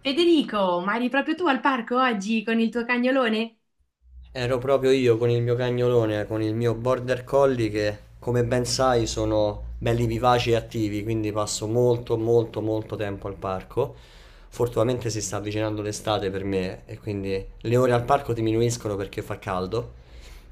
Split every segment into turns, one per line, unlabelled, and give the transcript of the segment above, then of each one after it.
Federico, ma eri proprio tu al parco oggi con il tuo cagnolone?
Ero proprio io con il mio cagnolone, con il mio border collie che, come ben sai, sono belli vivaci e attivi, quindi passo molto tempo al parco. Fortunatamente si sta avvicinando l'estate per me e quindi le ore al parco diminuiscono perché fa caldo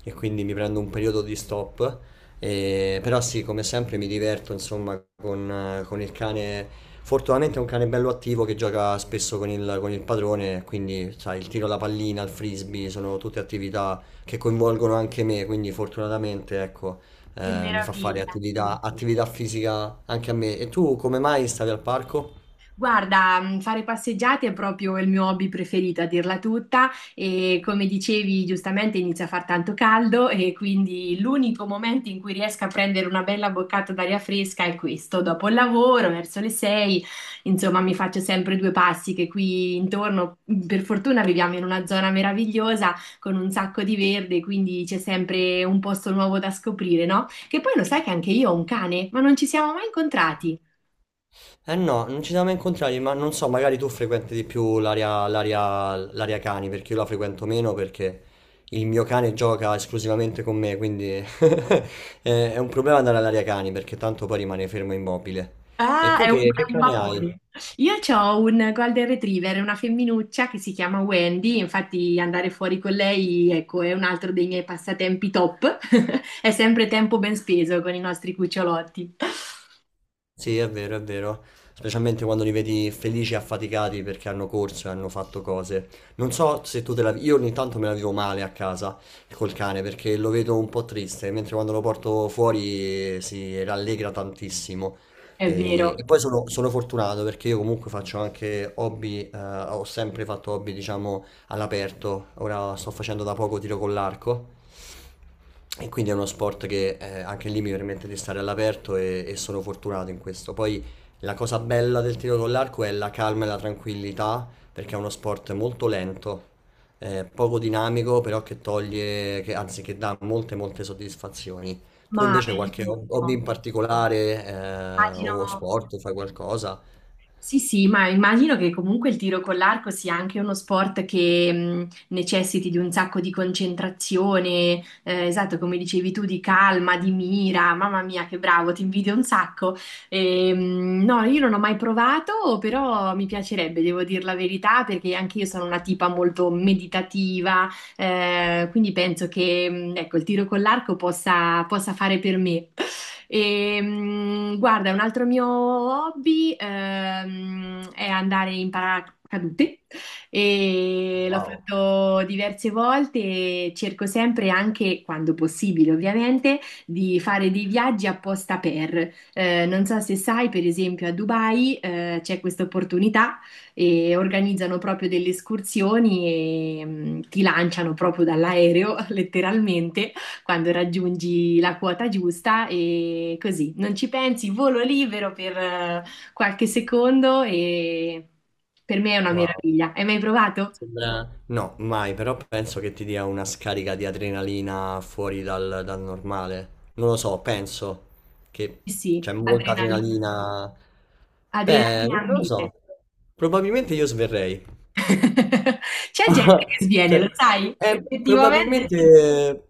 e quindi mi prendo un periodo di stop però sì, come sempre mi diverto insomma con il cane. Fortunatamente è un cane bello attivo che gioca spesso con il padrone, quindi sai, il tiro alla pallina, il frisbee sono tutte attività che coinvolgono anche me, quindi fortunatamente ecco,
Che
mi fa fare
meraviglia!
attività fisica anche a me. E tu come mai stavi al parco?
Guarda, fare passeggiate è proprio il mio hobby preferito, a dirla tutta, e come dicevi giustamente inizia a far tanto caldo e quindi l'unico momento in cui riesco a prendere una bella boccata d'aria fresca è questo, dopo il lavoro, verso le sei, insomma mi faccio sempre due passi che qui intorno, per fortuna viviamo in una zona meravigliosa con un sacco di verde, quindi c'è sempre un posto nuovo da scoprire, no? Che poi lo sai che anche io ho un cane, ma non ci siamo mai incontrati.
Eh no, non ci siamo mai incontrati, ma non so, magari tu frequenti di più l'area cani, perché io la frequento meno perché il mio cane gioca esclusivamente con me, quindi è un problema andare all'area cani perché tanto poi rimane fermo immobile. E
Ah,
tu che
è un
cane hai?
papone. Io ho un Golden Retriever, una femminuccia che si chiama Wendy, infatti andare fuori con lei, ecco, è un altro dei miei passatempi top. È sempre tempo ben speso con i nostri cucciolotti.
Sì, è vero, è vero. Specialmente quando li vedi felici e affaticati perché hanno corso e hanno fatto cose. Non so se tu te la... Io ogni tanto me la vivo male a casa col cane perché lo vedo un po' triste, mentre quando lo porto fuori si rallegra tantissimo.
È
E
vero,
poi sono fortunato perché io comunque faccio anche hobby, ho sempre fatto hobby, diciamo, all'aperto. Ora sto facendo da poco tiro con l'arco e quindi è uno sport che anche lì mi permette di stare all'aperto e sono fortunato in questo. Poi la cosa bella del tiro con l'arco è la calma e la tranquillità, perché è uno sport molto lento, poco dinamico, però che toglie, che, anzi che dà molte molte soddisfazioni. Tu
ma
invece qualche
bellissimo.
hobby in particolare
Immagino.
o sport, fai qualcosa?
Sì, sì, ma immagino che comunque il tiro con l'arco sia anche uno sport che necessiti di un sacco di concentrazione, esatto, come dicevi tu, di calma, di mira. Mamma mia, che bravo, ti invidio un sacco. E, no, io non ho mai provato, però mi piacerebbe, devo dire la verità, perché anche io sono una tipa molto meditativa, quindi penso che, ecco, il tiro con l'arco possa fare per me. E, guarda, un altro mio hobby è andare in paracadute e l'ho
Wow,
fatto diverse volte e cerco sempre, anche quando possibile ovviamente, di fare dei viaggi apposta per. Non so se sai, per esempio a Dubai c'è questa opportunità e organizzano proprio delle escursioni e ti lanciano proprio dall'aereo, letteralmente quando raggiungi la quota giusta e così, non ci pensi, volo libero per qualche secondo e per me è una
wow.
meraviglia. Hai mai provato?
Sembra... No, mai, però penso che ti dia una scarica di adrenalina fuori dal normale. Non lo so, penso che
Sì, sì,
c'è molta
adrenalina,
adrenalina. Beh,
adrenalina
non
a
non lo
mille.
so. Probabilmente io sverrei.
C'è gente che sviene, lo
Cioè,
sai? Effettivamente.
probabilmente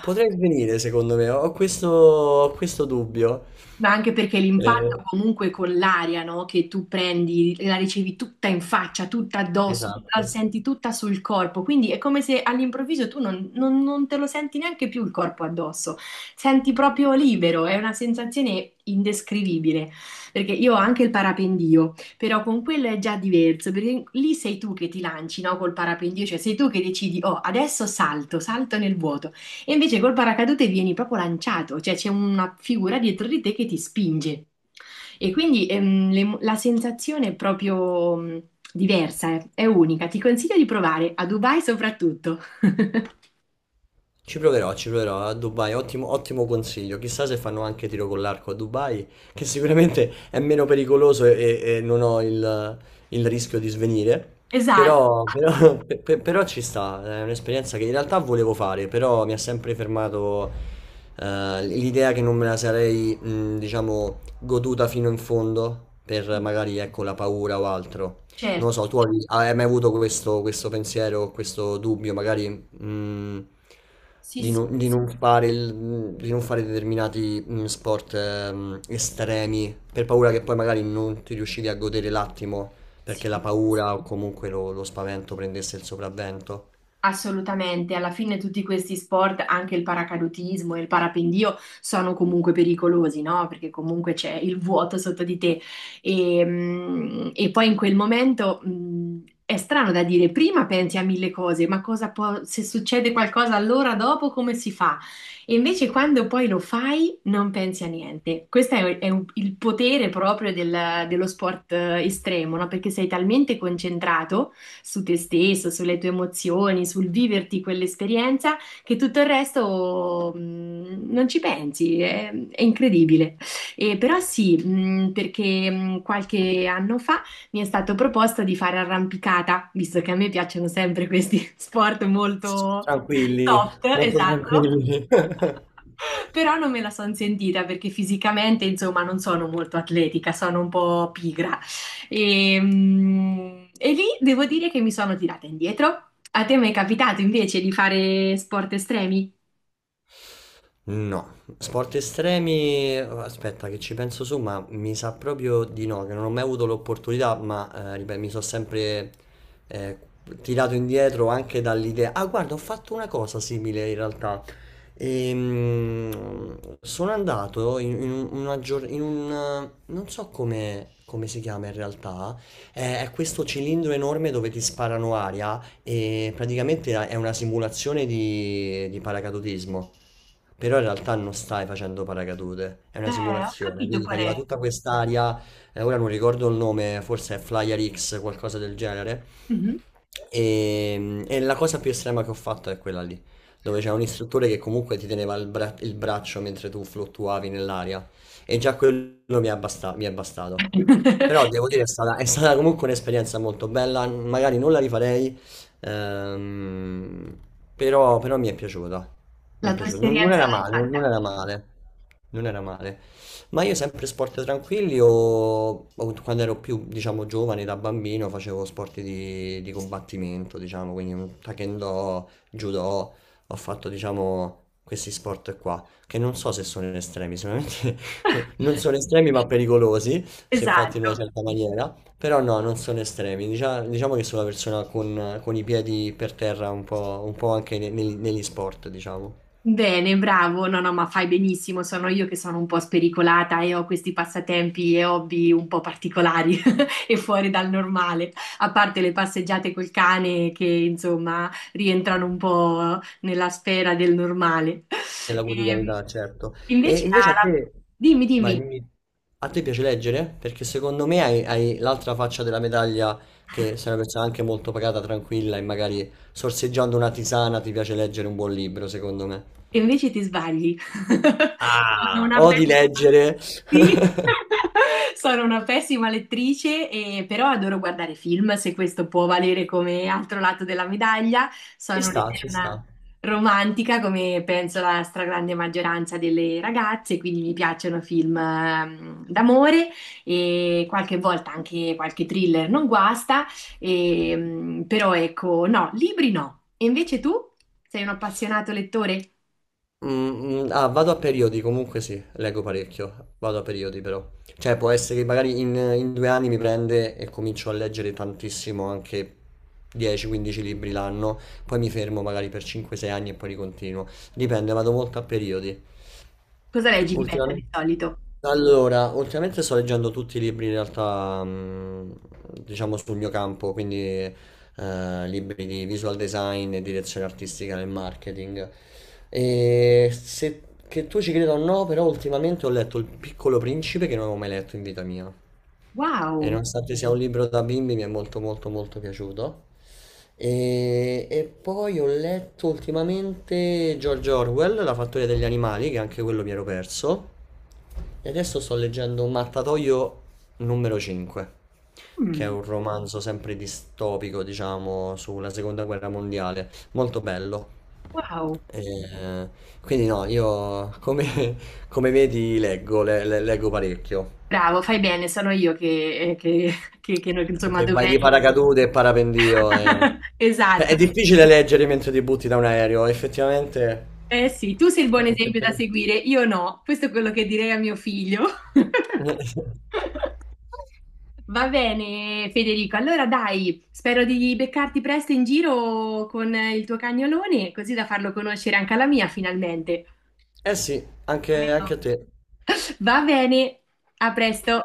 potrei svenire, secondo me. Ho questo dubbio.
Ma anche perché l'impatto
Eh,
comunque con l'aria, no? Che tu prendi, la ricevi tutta in faccia, tutta addosso, la
esatto.
senti tutta sul corpo, quindi è come se all'improvviso tu non te lo senti neanche più il corpo addosso, senti proprio libero, è una sensazione indescrivibile, perché io ho anche il parapendio, però con quello è già diverso, perché lì sei tu che ti lanci, no? Col parapendio, cioè sei tu che decidi, oh, adesso salto, salto nel vuoto. E invece col paracadute vieni proprio lanciato, cioè c'è una figura dietro di te che ti spinge. E quindi la sensazione è proprio diversa, è unica. Ti consiglio di provare a Dubai soprattutto.
Ci proverò a Dubai, ottimo, ottimo consiglio. Chissà se fanno anche tiro con l'arco a Dubai, che sicuramente è meno pericoloso e non ho il rischio di svenire.
Esatto,
Però ci sta, è un'esperienza che in realtà volevo fare, però mi ha sempre fermato l'idea che non me la sarei, diciamo, goduta fino in fondo per magari, ecco, la paura o altro. Non lo
certo,
so, tu hai mai avuto questo pensiero, questo dubbio, magari mm,
sì, sì,
non di non di non fare determinati mm, sport estremi per paura che poi magari non ti riuscivi a godere l'attimo perché la
sì.
paura o comunque lo spavento prendesse il sopravvento.
Assolutamente, alla fine tutti questi sport, anche il paracadutismo e il parapendio, sono comunque pericolosi, no? Perché comunque c'è il vuoto sotto di te. E, e poi in quel momento, è strano da dire, prima pensi a mille cose, ma cosa può, se succede qualcosa allora dopo come si fa? E invece quando poi lo fai non pensi a niente. Questo è, il potere proprio dello sport estremo, no? Perché sei talmente concentrato su te stesso, sulle tue emozioni, sul viverti quell'esperienza, che tutto il resto non ci pensi, è incredibile. E però sì, perché qualche anno fa mi è stato proposto di fare arrampicata, visto che a me piacciono sempre questi sport molto
Tranquilli,
soft,
molto
esatto.
tranquilli.
Però non me la sono sentita perché fisicamente, insomma, non sono molto atletica, sono un po' pigra. E, e lì devo dire che mi sono tirata indietro. A te mi è capitato invece di fare sport estremi?
No, sport estremi, aspetta che ci penso su, ma mi sa proprio di no, che non ho mai avuto l'opportunità, ma ripeto, mi sono sempre eh, tirato indietro anche dall'idea. Ah, guarda, ho fatto una cosa simile in realtà. Sono andato in in un... non so come si chiama in realtà, è questo cilindro enorme dove ti sparano aria e praticamente è una simulazione di paracadutismo. Però in realtà non stai facendo paracadute, è una
Ho
simulazione,
capito
quindi ti
qual
arriva
è.
tutta quest'aria, ora non ricordo il nome, forse è Flyer X, qualcosa del genere,
Mhm.
e la cosa più estrema che ho fatto è quella lì, dove c'è un istruttore che comunque ti teneva il braccio mentre tu fluttuavi nell'aria, e già quello mi è bastato. Però devo dire è stata comunque un'esperienza molto bella, magari non la rifarei, ehm, però, però mi è
La tua
piaciuta, non
esperienza
era
l'hai fatta.
non era non era male. Ma io sempre sport tranquilli o quando ero più, diciamo, giovane, da bambino, facevo sport di combattimento, diciamo, quindi taekwondo, judo, ho fatto, diciamo, questi sport qua, che non so se sono estremi, sicuramente non sono estremi ma pericolosi se fatto in una
Esatto.
certa maniera, però no, non sono estremi, diciamo, che sono una persona con i piedi per terra un po' anche negli negli sport, diciamo,
Bene, bravo. No, no, ma fai benissimo. Sono io che sono un po' spericolata e ho questi passatempi e hobby un po' particolari e fuori dal normale, a parte le passeggiate col cane che insomma rientrano un po' nella sfera del normale.
nella
Ehm,
quotidianità, certo. E
invece,
invece a te,
dimmi,
vai,
dimmi,
dimmi, a te piace leggere? Perché secondo me hai, hai l'altra faccia della medaglia, che sei una persona anche molto pagata, tranquilla e magari sorseggiando una tisana ti piace leggere un buon libro, secondo me.
e invece ti sbagli. Sono
Ah,
una
odi
pessima,
leggere.
sì. Sono una pessima lettrice, però adoro guardare film, se questo può valere come altro lato della medaglia.
Ci
Sono
sta, ci sta.
un'eterna romantica, come penso la stragrande maggioranza delle ragazze, quindi mi piacciono film d'amore e qualche volta anche qualche thriller non guasta, e, però ecco, no, libri no. E invece tu sei un appassionato lettore?
Mm, mm, ah, vado a periodi, comunque sì, leggo parecchio, vado a periodi però. Cioè può essere che magari in 2 anni mi prende e comincio a leggere tantissimo, anche 10-15 libri l'anno, poi mi fermo magari per 5-6 anni e poi ricontinuo. Dipende, vado molto a periodi.
Cosa leggi di bello di
Ultimamente,
solito?
allora, ultimamente sto leggendo tutti i libri in realtà, mm, diciamo sul mio campo, quindi libri di visual design e direzione artistica nel marketing. E se che tu ci creda o no, però ultimamente ho letto Il Piccolo Principe che non avevo mai letto in vita mia. E
Wow.
nonostante sia un libro da bimbi, mi è molto molto molto piaciuto. E poi ho letto ultimamente George Orwell, La fattoria degli animali, che anche quello mi ero perso. E adesso sto leggendo Mattatoio numero 5, che è
Mm.
un romanzo sempre distopico, diciamo, sulla seconda guerra mondiale. Molto bello.
Wow,
Eh, quindi no, come vedi leggo, leggo parecchio.
bravo, fai bene, sono io che, eh, che- che,
Che
insomma
se vai
dovrei...
di paracadute e parapendio
Esatto,
è difficile leggere mentre ti butti da un aereo, effettivamente.
eh sì, tu sei il buon esempio da
Effettivamente.
seguire, io no, questo è quello che direi a mio figlio. Va bene, Federico, allora dai, spero di beccarti presto in giro con il tuo cagnolone, così da farlo conoscere anche alla mia finalmente.
Eh sì,
Almeno.
anche a te.
Va bene, a presto.